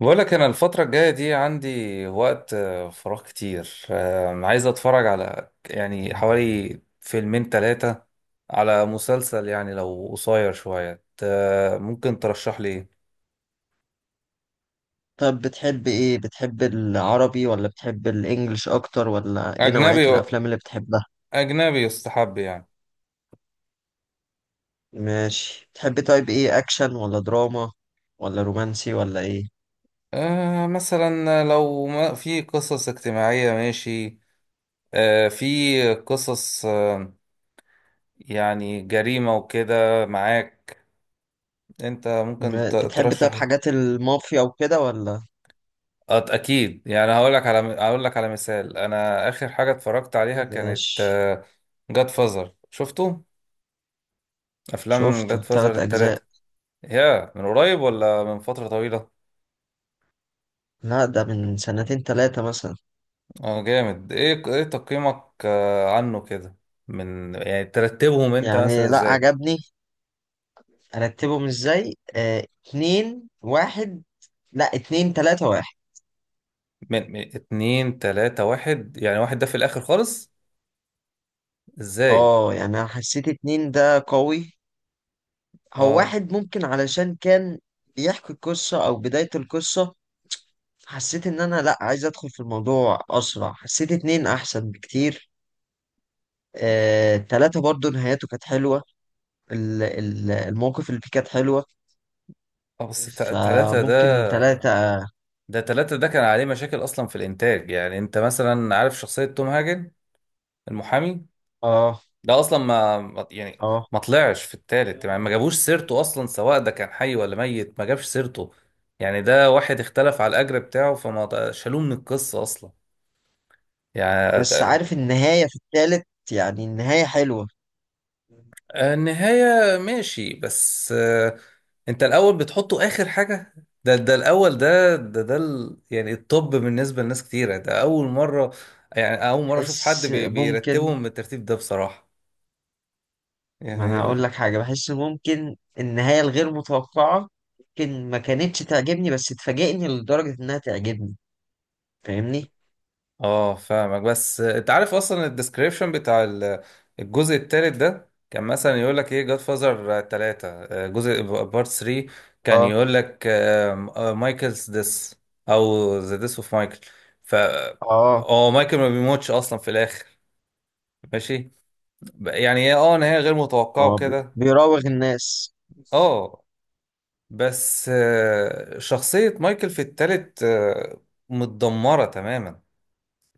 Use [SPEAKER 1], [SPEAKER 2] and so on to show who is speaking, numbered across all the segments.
[SPEAKER 1] بقولك أنا الفترة الجاية دي عندي وقت، فراغ كتير، عايز أتفرج على يعني حوالي فيلمين تلاتة على مسلسل. يعني لو قصير شوية ممكن ترشح لي إيه؟
[SPEAKER 2] طب، بتحب ايه؟ بتحب العربي ولا بتحب الانجليش اكتر، ولا ايه نوعية
[SPEAKER 1] أجنبي.
[SPEAKER 2] الافلام اللي بتحبها؟
[SPEAKER 1] أجنبي يستحب يعني.
[SPEAKER 2] ماشي. بتحب طيب، ايه، اكشن ولا دراما ولا رومانسي ولا ايه؟
[SPEAKER 1] آه مثلا لو ما في قصص اجتماعية ماشي. آه في قصص، آه يعني جريمة وكده معاك؟ أنت ممكن
[SPEAKER 2] بتحب
[SPEAKER 1] ترشح
[SPEAKER 2] طيب،
[SPEAKER 1] إيه؟
[SPEAKER 2] حاجات المافيا وكده ولا؟
[SPEAKER 1] اكيد يعني. هقول لك على مثال. انا اخر حاجه اتفرجت عليها كانت
[SPEAKER 2] ماشي.
[SPEAKER 1] جاد فازر. شفتوا افلام
[SPEAKER 2] شفته
[SPEAKER 1] جاد فازر
[SPEAKER 2] تلات اجزاء.
[SPEAKER 1] الثلاثه؟ يا من قريب ولا من فتره طويله؟
[SPEAKER 2] لا، ده من سنتين تلاتة مثلا.
[SPEAKER 1] اه جامد. ايه ايه تقييمك عنه كده؟ من يعني ترتبهم انت
[SPEAKER 2] يعني
[SPEAKER 1] مثلا
[SPEAKER 2] لا،
[SPEAKER 1] ازاي؟
[SPEAKER 2] عجبني. ارتبهم ازاي، اتنين، واحد. لا، اتنين، تلاتة، واحد.
[SPEAKER 1] من اتنين تلاته واحد؟ يعني واحد ده في الاخر خالص؟ ازاي؟
[SPEAKER 2] اه، يعني انا حسيت اتنين ده قوي. هو
[SPEAKER 1] اه.
[SPEAKER 2] واحد ممكن علشان كان بيحكي القصة أو بداية القصة. حسيت إن أنا، لأ، عايز أدخل في الموضوع أسرع. حسيت اتنين أحسن بكتير. تلاتة برضو نهايته كانت حلوة. المواقف اللي فيه كانت حلوة.
[SPEAKER 1] اه بس تلاتة
[SPEAKER 2] فممكن
[SPEAKER 1] ده،
[SPEAKER 2] تلاتة.
[SPEAKER 1] ده تلاتة ده كان عليه مشاكل أصلا في الإنتاج. يعني أنت مثلا عارف شخصية توم هاجن المحامي؟
[SPEAKER 2] اه،
[SPEAKER 1] ده اصلا يعني
[SPEAKER 2] اه.
[SPEAKER 1] ما طلعش في التالت. يعني ما جابوش سيرته اصلا، سواء ده كان حي ولا ميت ما جابش سيرته. يعني ده واحد اختلف على الاجر بتاعه شالوه من القصة اصلا. يعني
[SPEAKER 2] بس
[SPEAKER 1] ت-
[SPEAKER 2] عارف النهاية في التالت، يعني النهاية حلوة.
[SPEAKER 1] النهاية ماشي، بس انت الاول بتحطه اخر حاجة؟ ده الاول، ده يعني الطب بالنسبة لناس كتيرة ده اول مرة. يعني اول مرة اشوف حد
[SPEAKER 2] حس، ممكن.
[SPEAKER 1] بيرتبهم بالترتيب ده بصراحة
[SPEAKER 2] ما انا
[SPEAKER 1] يعني.
[SPEAKER 2] اقول لك حاجه، بحس ممكن النهايه الغير متوقعه ممكن ما كانتش تعجبني، بس تفاجئني لدرجه انها تعجبني. فاهمني؟
[SPEAKER 1] اه فاهمك، بس انت عارف اصلا الديسكريبشن بتاع الجزء التالت ده؟ كان مثلا يقول لك ايه؟ جاد فازر 3، جزء بارت 3، كان
[SPEAKER 2] اه،
[SPEAKER 1] يقول لك مايكلز ديس او ذا ديس اوف مايكل. ف
[SPEAKER 2] اه،
[SPEAKER 1] اه مايكل ما بيموتش اصلا في الاخر، ماشي. يعني هي اه نهايه غير متوقعه
[SPEAKER 2] اه،
[SPEAKER 1] وكده،
[SPEAKER 2] بيراوغ الناس.
[SPEAKER 1] اه. بس شخصيه مايكل في التالت متدمره تماما.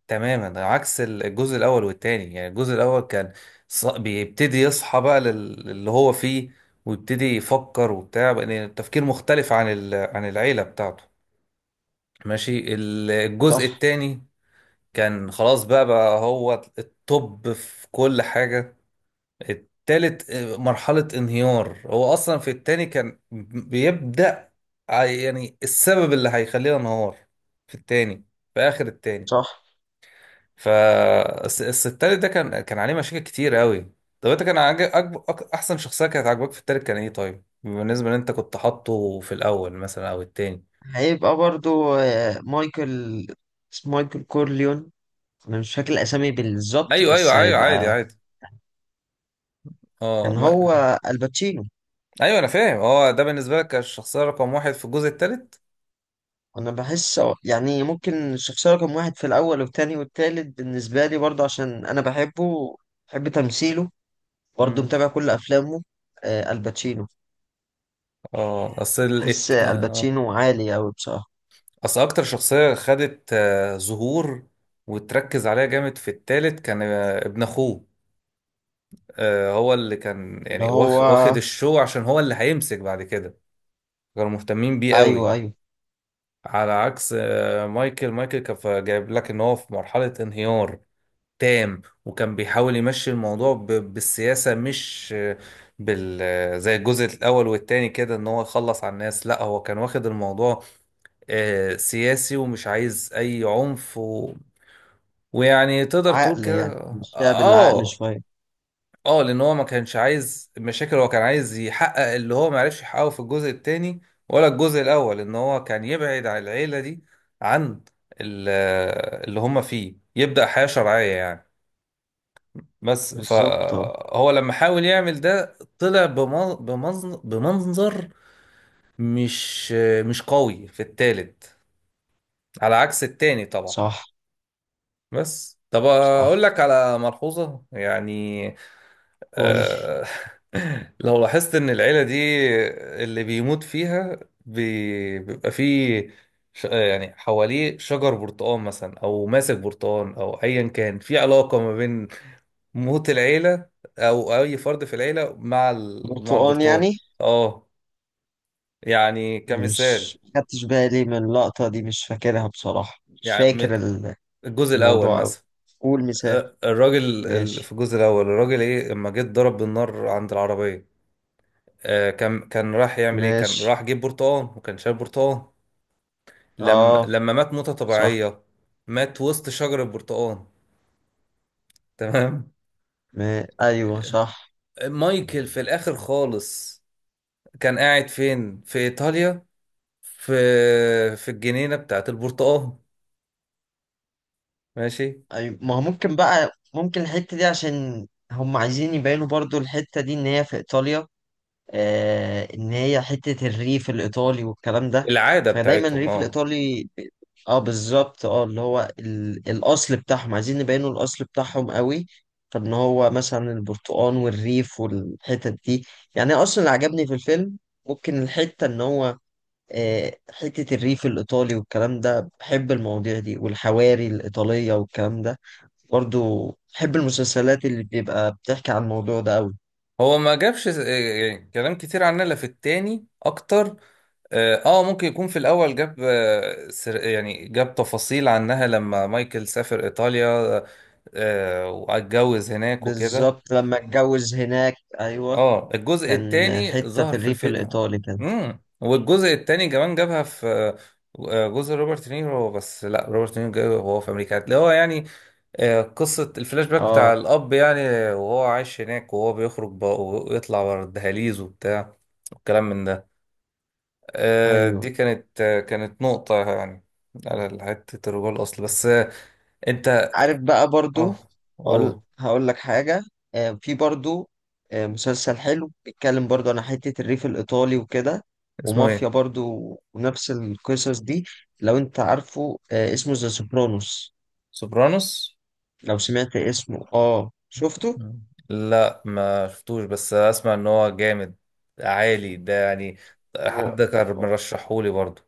[SPEAKER 1] تماما ده عكس الجزء الاول والتاني. يعني الجزء الاول كان بيبتدي يصحى بقى اللي هو فيه، ويبتدي يفكر وبتاع بقى. يعني التفكير مختلف عن عن العيلة بتاعته، ماشي. الجزء
[SPEAKER 2] صح،
[SPEAKER 1] التاني كان خلاص بقى، هو الطب في كل حاجة. التالت مرحلة انهيار. هو اصلا في التاني كان بيبدأ، يعني السبب اللي هيخلينا انهار في التاني، في اخر التاني.
[SPEAKER 2] صح.
[SPEAKER 1] فالتالت ده كان عليه مشاكل كتير قوي. طب انت كان عاجب احسن شخصيه كانت عاجباك في التالت كان ايه؟ طيب بالنسبه ان انت كنت حاطه في الاول مثلا او التاني؟
[SPEAKER 2] هيبقى برضو مايكل. اسمه مايكل كورليون. انا مش فاكر الاسامي بالظبط،
[SPEAKER 1] ايوه
[SPEAKER 2] بس
[SPEAKER 1] ايوه ايوه، عادي
[SPEAKER 2] هيبقى.
[SPEAKER 1] عادي. اه
[SPEAKER 2] كان هو
[SPEAKER 1] ما...
[SPEAKER 2] الباتشينو.
[SPEAKER 1] ايوه انا فاهم. اه ده بالنسبه لك كان الشخصيه رقم واحد في الجزء التالت؟
[SPEAKER 2] انا بحس يعني ممكن الشخصيه رقم واحد في الاول والتاني والتالت بالنسبه لي برضو عشان انا بحبه. بحب تمثيله. برضه
[SPEAKER 1] امم.
[SPEAKER 2] متابع كل افلامه. الباتشينو.
[SPEAKER 1] اه اصل ال...
[SPEAKER 2] بحس
[SPEAKER 1] الت- اه
[SPEAKER 2] الباتشينو عالي أوي بصراحة.
[SPEAKER 1] اصل اكتر شخصيه خدت ظهور وتركز عليها جامد في التالت كان ابن اخوه. هو اللي كان
[SPEAKER 2] اللي
[SPEAKER 1] يعني
[SPEAKER 2] هو،
[SPEAKER 1] واخد الشو عشان هو اللي هيمسك بعد كده. كانوا مهتمين بيه قوي.
[SPEAKER 2] ايوه، ايوه.
[SPEAKER 1] على عكس مايكل. مايكل كان جايب لك ان هو في مرحلة انهيار تام، وكان بيحاول يمشي الموضوع بالسياسة، مش آه، بال آه، زي الجزء الاول والتاني كده ان هو يخلص على الناس. لا، هو كان واخد الموضوع سياسي ومش عايز اي عنف و... ويعني تقدر تقول
[SPEAKER 2] عقل،
[SPEAKER 1] كده
[SPEAKER 2] يعني
[SPEAKER 1] اه
[SPEAKER 2] مشيها بالعقل شوية.
[SPEAKER 1] اه. لان هو ما كانش عايز مشاكل. هو كان عايز يحقق اللي هو ما عرفش يحققه في الجزء الثاني ولا الجزء الاول، ان هو كان يبعد عن العيله دي، عن ال- اللي هم فيه، يبدا حياه شرعيه يعني. بس
[SPEAKER 2] بالظبط، اه.
[SPEAKER 1] فهو لما حاول يعمل ده طلع بمنظر مش مش قوي في التالت، على عكس التاني طبعا.
[SPEAKER 2] صح،
[SPEAKER 1] بس طب اقول
[SPEAKER 2] صح.
[SPEAKER 1] لك على ملحوظه يعني
[SPEAKER 2] قول.
[SPEAKER 1] آه، لو لاحظت ان العيلة دي اللي بيموت فيها بيبقى فيه يعني حواليه شجر برتقال مثلا او ماسك برتقال، او ايا كان في علاقة ما بين موت العيلة او اي فرد في العيلة مع مع
[SPEAKER 2] برتقان
[SPEAKER 1] البرتقال.
[SPEAKER 2] يعني.
[SPEAKER 1] اه يعني كمثال.
[SPEAKER 2] مش خدتش بالي من اللقطة دي، مش فاكرها بصراحة. مش
[SPEAKER 1] يعني
[SPEAKER 2] فاكر
[SPEAKER 1] م- الجزء الاول
[SPEAKER 2] الموضوع أوي.
[SPEAKER 1] مثلا
[SPEAKER 2] قول مثال.
[SPEAKER 1] الراجل في
[SPEAKER 2] ماشي.
[SPEAKER 1] الجزء الاول الراجل ايه اما جه اتضرب بالنار عند العربية، كان كان راح يعمل ايه كان
[SPEAKER 2] ماشي.
[SPEAKER 1] راح جيب برتقال وكان شارب برتقال. لما
[SPEAKER 2] اه،
[SPEAKER 1] لما مات موتة
[SPEAKER 2] صح.
[SPEAKER 1] طبيعية، مات وسط شجر البرتقال، تمام.
[SPEAKER 2] ما... ايوه، صح.
[SPEAKER 1] مايكل في الاخر خالص كان قاعد فين؟ في ايطاليا، في في الجنينة بتاعت البرتقال، ماشي.
[SPEAKER 2] ما هو ممكن بقى، ممكن الحتة دي عشان هم عايزين يبينوا برضو الحتة دي إن هي في إيطاليا. إن هي حتة الريف الإيطالي والكلام ده.
[SPEAKER 1] العادة
[SPEAKER 2] فدايما
[SPEAKER 1] بتاعتهم
[SPEAKER 2] الريف
[SPEAKER 1] اه.
[SPEAKER 2] الإيطالي اه، بالظبط، اه. اللي هو الأصل بتاعهم عايزين نبينوا الأصل بتاعهم قوي. فإن هو مثلا البرتقال والريف والحتت دي، يعني أصلا اللي عجبني في الفيلم ممكن الحتة إن هو حتة الريف الإيطالي والكلام ده. بحب المواضيع دي والحواري الإيطالية والكلام ده. برضو بحب المسلسلات اللي بيبقى بتحكي عن الموضوع ده قوي.
[SPEAKER 1] هو ما جابش يعني كلام كتير عنها، لا في التاني اكتر. اه ممكن يكون في الاول جاب سر، يعني جاب تفاصيل عنها لما مايكل سافر ايطاليا آه، واتجوز هناك وكده.
[SPEAKER 2] بالظبط لما اتجوز هناك، ايوه.
[SPEAKER 1] اه الجزء
[SPEAKER 2] كان
[SPEAKER 1] التاني
[SPEAKER 2] حتة
[SPEAKER 1] ظهر
[SPEAKER 2] في
[SPEAKER 1] في
[SPEAKER 2] الريف
[SPEAKER 1] الفيلم.
[SPEAKER 2] الايطالي كان.
[SPEAKER 1] امم، والجزء التاني كمان جابها في جزء روبرت نيرو. بس لا، روبرت نيرو جابه وهو في امريكا، اللي هو يعني قصة الفلاش باك بتاع
[SPEAKER 2] اه،
[SPEAKER 1] الاب يعني، وهو عايش هناك وهو بيخرج بقى ويطلع ورا الدهاليز وبتاع، والكلام من ده. دي
[SPEAKER 2] ايوه.
[SPEAKER 1] كانت كانت نقطة يعني على حتة الرجوع الأصل. بس أنت.
[SPEAKER 2] عارف بقى برضو.
[SPEAKER 1] أه.
[SPEAKER 2] هقول
[SPEAKER 1] أوه.
[SPEAKER 2] هقول لك حاجة. في برضو مسلسل حلو بيتكلم برضو عن حتة الريف الإيطالي وكده،
[SPEAKER 1] اسمه
[SPEAKER 2] ومافيا
[SPEAKER 1] إيه؟
[SPEAKER 2] برضو، ونفس القصص دي. لو أنت عارفه، اسمه ذا سوبرانوس.
[SPEAKER 1] سوبرانوس؟
[SPEAKER 2] لو سمعت اسمه اه، شفته.
[SPEAKER 1] لا ما شفتوش، بس أسمع إن هو جامد عالي ده يعني.
[SPEAKER 2] هو
[SPEAKER 1] حد كان مرشحهولي برضه.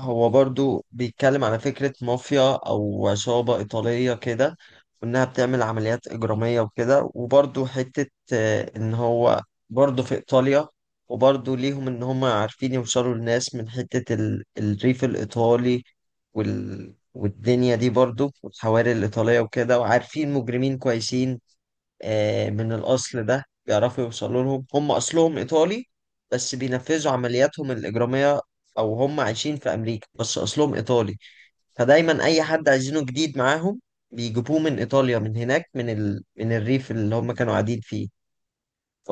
[SPEAKER 2] هو برضو بيتكلم على فكرة مافيا أو عصابة إيطالية كده، وإنها بتعمل عمليات إجرامية وكده، وبرضو حتة إن هو برضو في إيطاليا، وبرضو ليهم إن هم عارفين يوصلوا للناس من حتة الريف الإيطالي والدنيا دي برضو والحواري الإيطالية وكده، وعارفين مجرمين كويسين من الأصل ده بيعرفوا يوصلوا لهم. هم أصلهم إيطالي بس بينفذوا عملياتهم الإجرامية، أو هم عايشين في أمريكا بس أصلهم إيطالي. فدايما أي حد عايزينه جديد معاهم بيجيبوه من إيطاليا، من هناك، من من الريف اللي هم كانوا قاعدين فيه.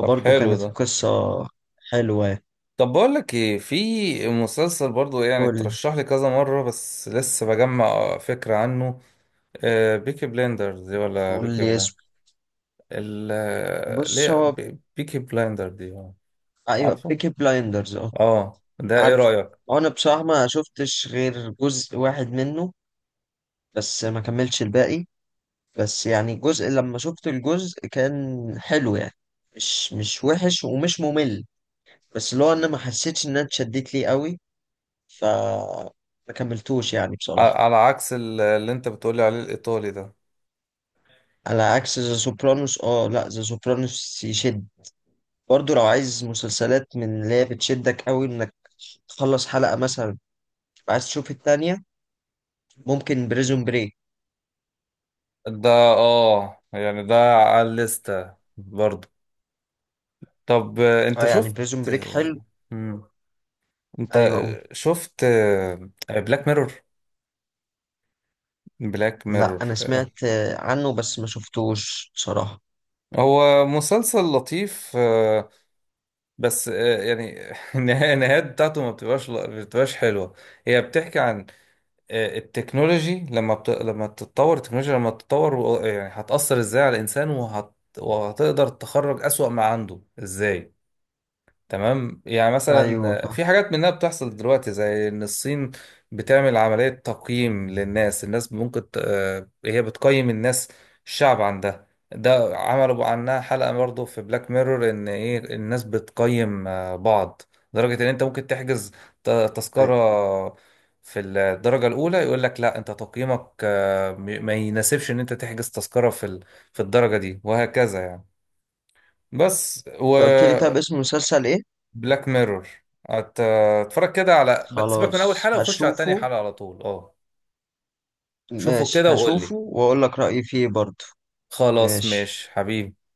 [SPEAKER 1] طب حلو
[SPEAKER 2] كانت
[SPEAKER 1] ده.
[SPEAKER 2] قصة حلوة.
[SPEAKER 1] طب بقول لك إيه، في مسلسل برضه يعني
[SPEAKER 2] قول،
[SPEAKER 1] ترشح لي كذا مرة بس لسه بجمع فكرة عنه. بيكي بليندرز، ولا
[SPEAKER 2] قول
[SPEAKER 1] بيكي
[SPEAKER 2] لي
[SPEAKER 1] بليندرز
[SPEAKER 2] اسمه.
[SPEAKER 1] ال
[SPEAKER 2] بص
[SPEAKER 1] ليه
[SPEAKER 2] هو.
[SPEAKER 1] بيكي بلايندر دي
[SPEAKER 2] أيوه،
[SPEAKER 1] عارفه؟
[SPEAKER 2] بيكي بلايندرز، أه.
[SPEAKER 1] اه ده ايه
[SPEAKER 2] عارف.
[SPEAKER 1] رأيك؟
[SPEAKER 2] أنا بصراحة ما شفتش غير جزء واحد منه، بس ما كملتش الباقي. بس يعني الجزء، لما شفت الجزء كان حلو يعني، مش وحش ومش ممل. بس اللي هو انا ما حسيتش ان انا اتشدت ليه قوي، ف، ما كملتوش يعني بصراحة.
[SPEAKER 1] على عكس اللي انت بتقولي عليه الايطالي ده.
[SPEAKER 2] على عكس ذا سوبرانوس، اه. لا، ذا سوبرانوس يشد. برضو لو عايز مسلسلات من اللي هي بتشدك قوي انك تخلص حلقة مثلا تبقى عايز تشوف التانية، ممكن بريزون بريك.
[SPEAKER 1] ده اه يعني ده على الليستة برضه. طب انت
[SPEAKER 2] اه، يعني
[SPEAKER 1] شفت
[SPEAKER 2] بريزون بريك حلو.
[SPEAKER 1] آه، مم. انت
[SPEAKER 2] ايوه، اقول.
[SPEAKER 1] شفت بلاك ميرور؟ بلاك
[SPEAKER 2] لا،
[SPEAKER 1] ميرور
[SPEAKER 2] انا سمعت عنه بس ما شفتوش بصراحة.
[SPEAKER 1] هو مسلسل لطيف، بس يعني النهايات بتاعته ما بتبقاش حلوة. هي بتحكي عن التكنولوجي، لما تتطور التكنولوجيا لما تتطور، يعني هتأثر ازاي على الإنسان وهتقدر تخرج أسوأ ما عنده ازاي. تمام. يعني
[SPEAKER 2] ايوه،
[SPEAKER 1] مثلا
[SPEAKER 2] فاهم.
[SPEAKER 1] في حاجات منها بتحصل دلوقتي، زي ان الصين بتعمل عملية تقييم للناس. الناس ممكن هي بتقيم الناس، الشعب عندها. ده عملوا عنها حلقة برضه في بلاك ميرور، ان ايه الناس بتقيم بعض، لدرجة ان انت ممكن تحجز
[SPEAKER 2] أيوة.
[SPEAKER 1] تذكرة في الدرجة الأولى يقول لك لا، انت تقييمك ما يناسبش ان انت تحجز تذكرة في في الدرجة دي، وهكذا يعني. بس
[SPEAKER 2] فقلت لي طب، اسم المسلسل ايه؟
[SPEAKER 1] بلاك ميرور اتفرج كده على سيبك من اول
[SPEAKER 2] خلاص،
[SPEAKER 1] حلقه وخش على
[SPEAKER 2] هشوفه.
[SPEAKER 1] تاني حلقه على طول، اه. شوفه
[SPEAKER 2] ماشي،
[SPEAKER 1] كده وقول لي.
[SPEAKER 2] هشوفه واقول لك رأيي فيه برضه.
[SPEAKER 1] خلاص
[SPEAKER 2] ماشي.
[SPEAKER 1] ماشي حبيبي.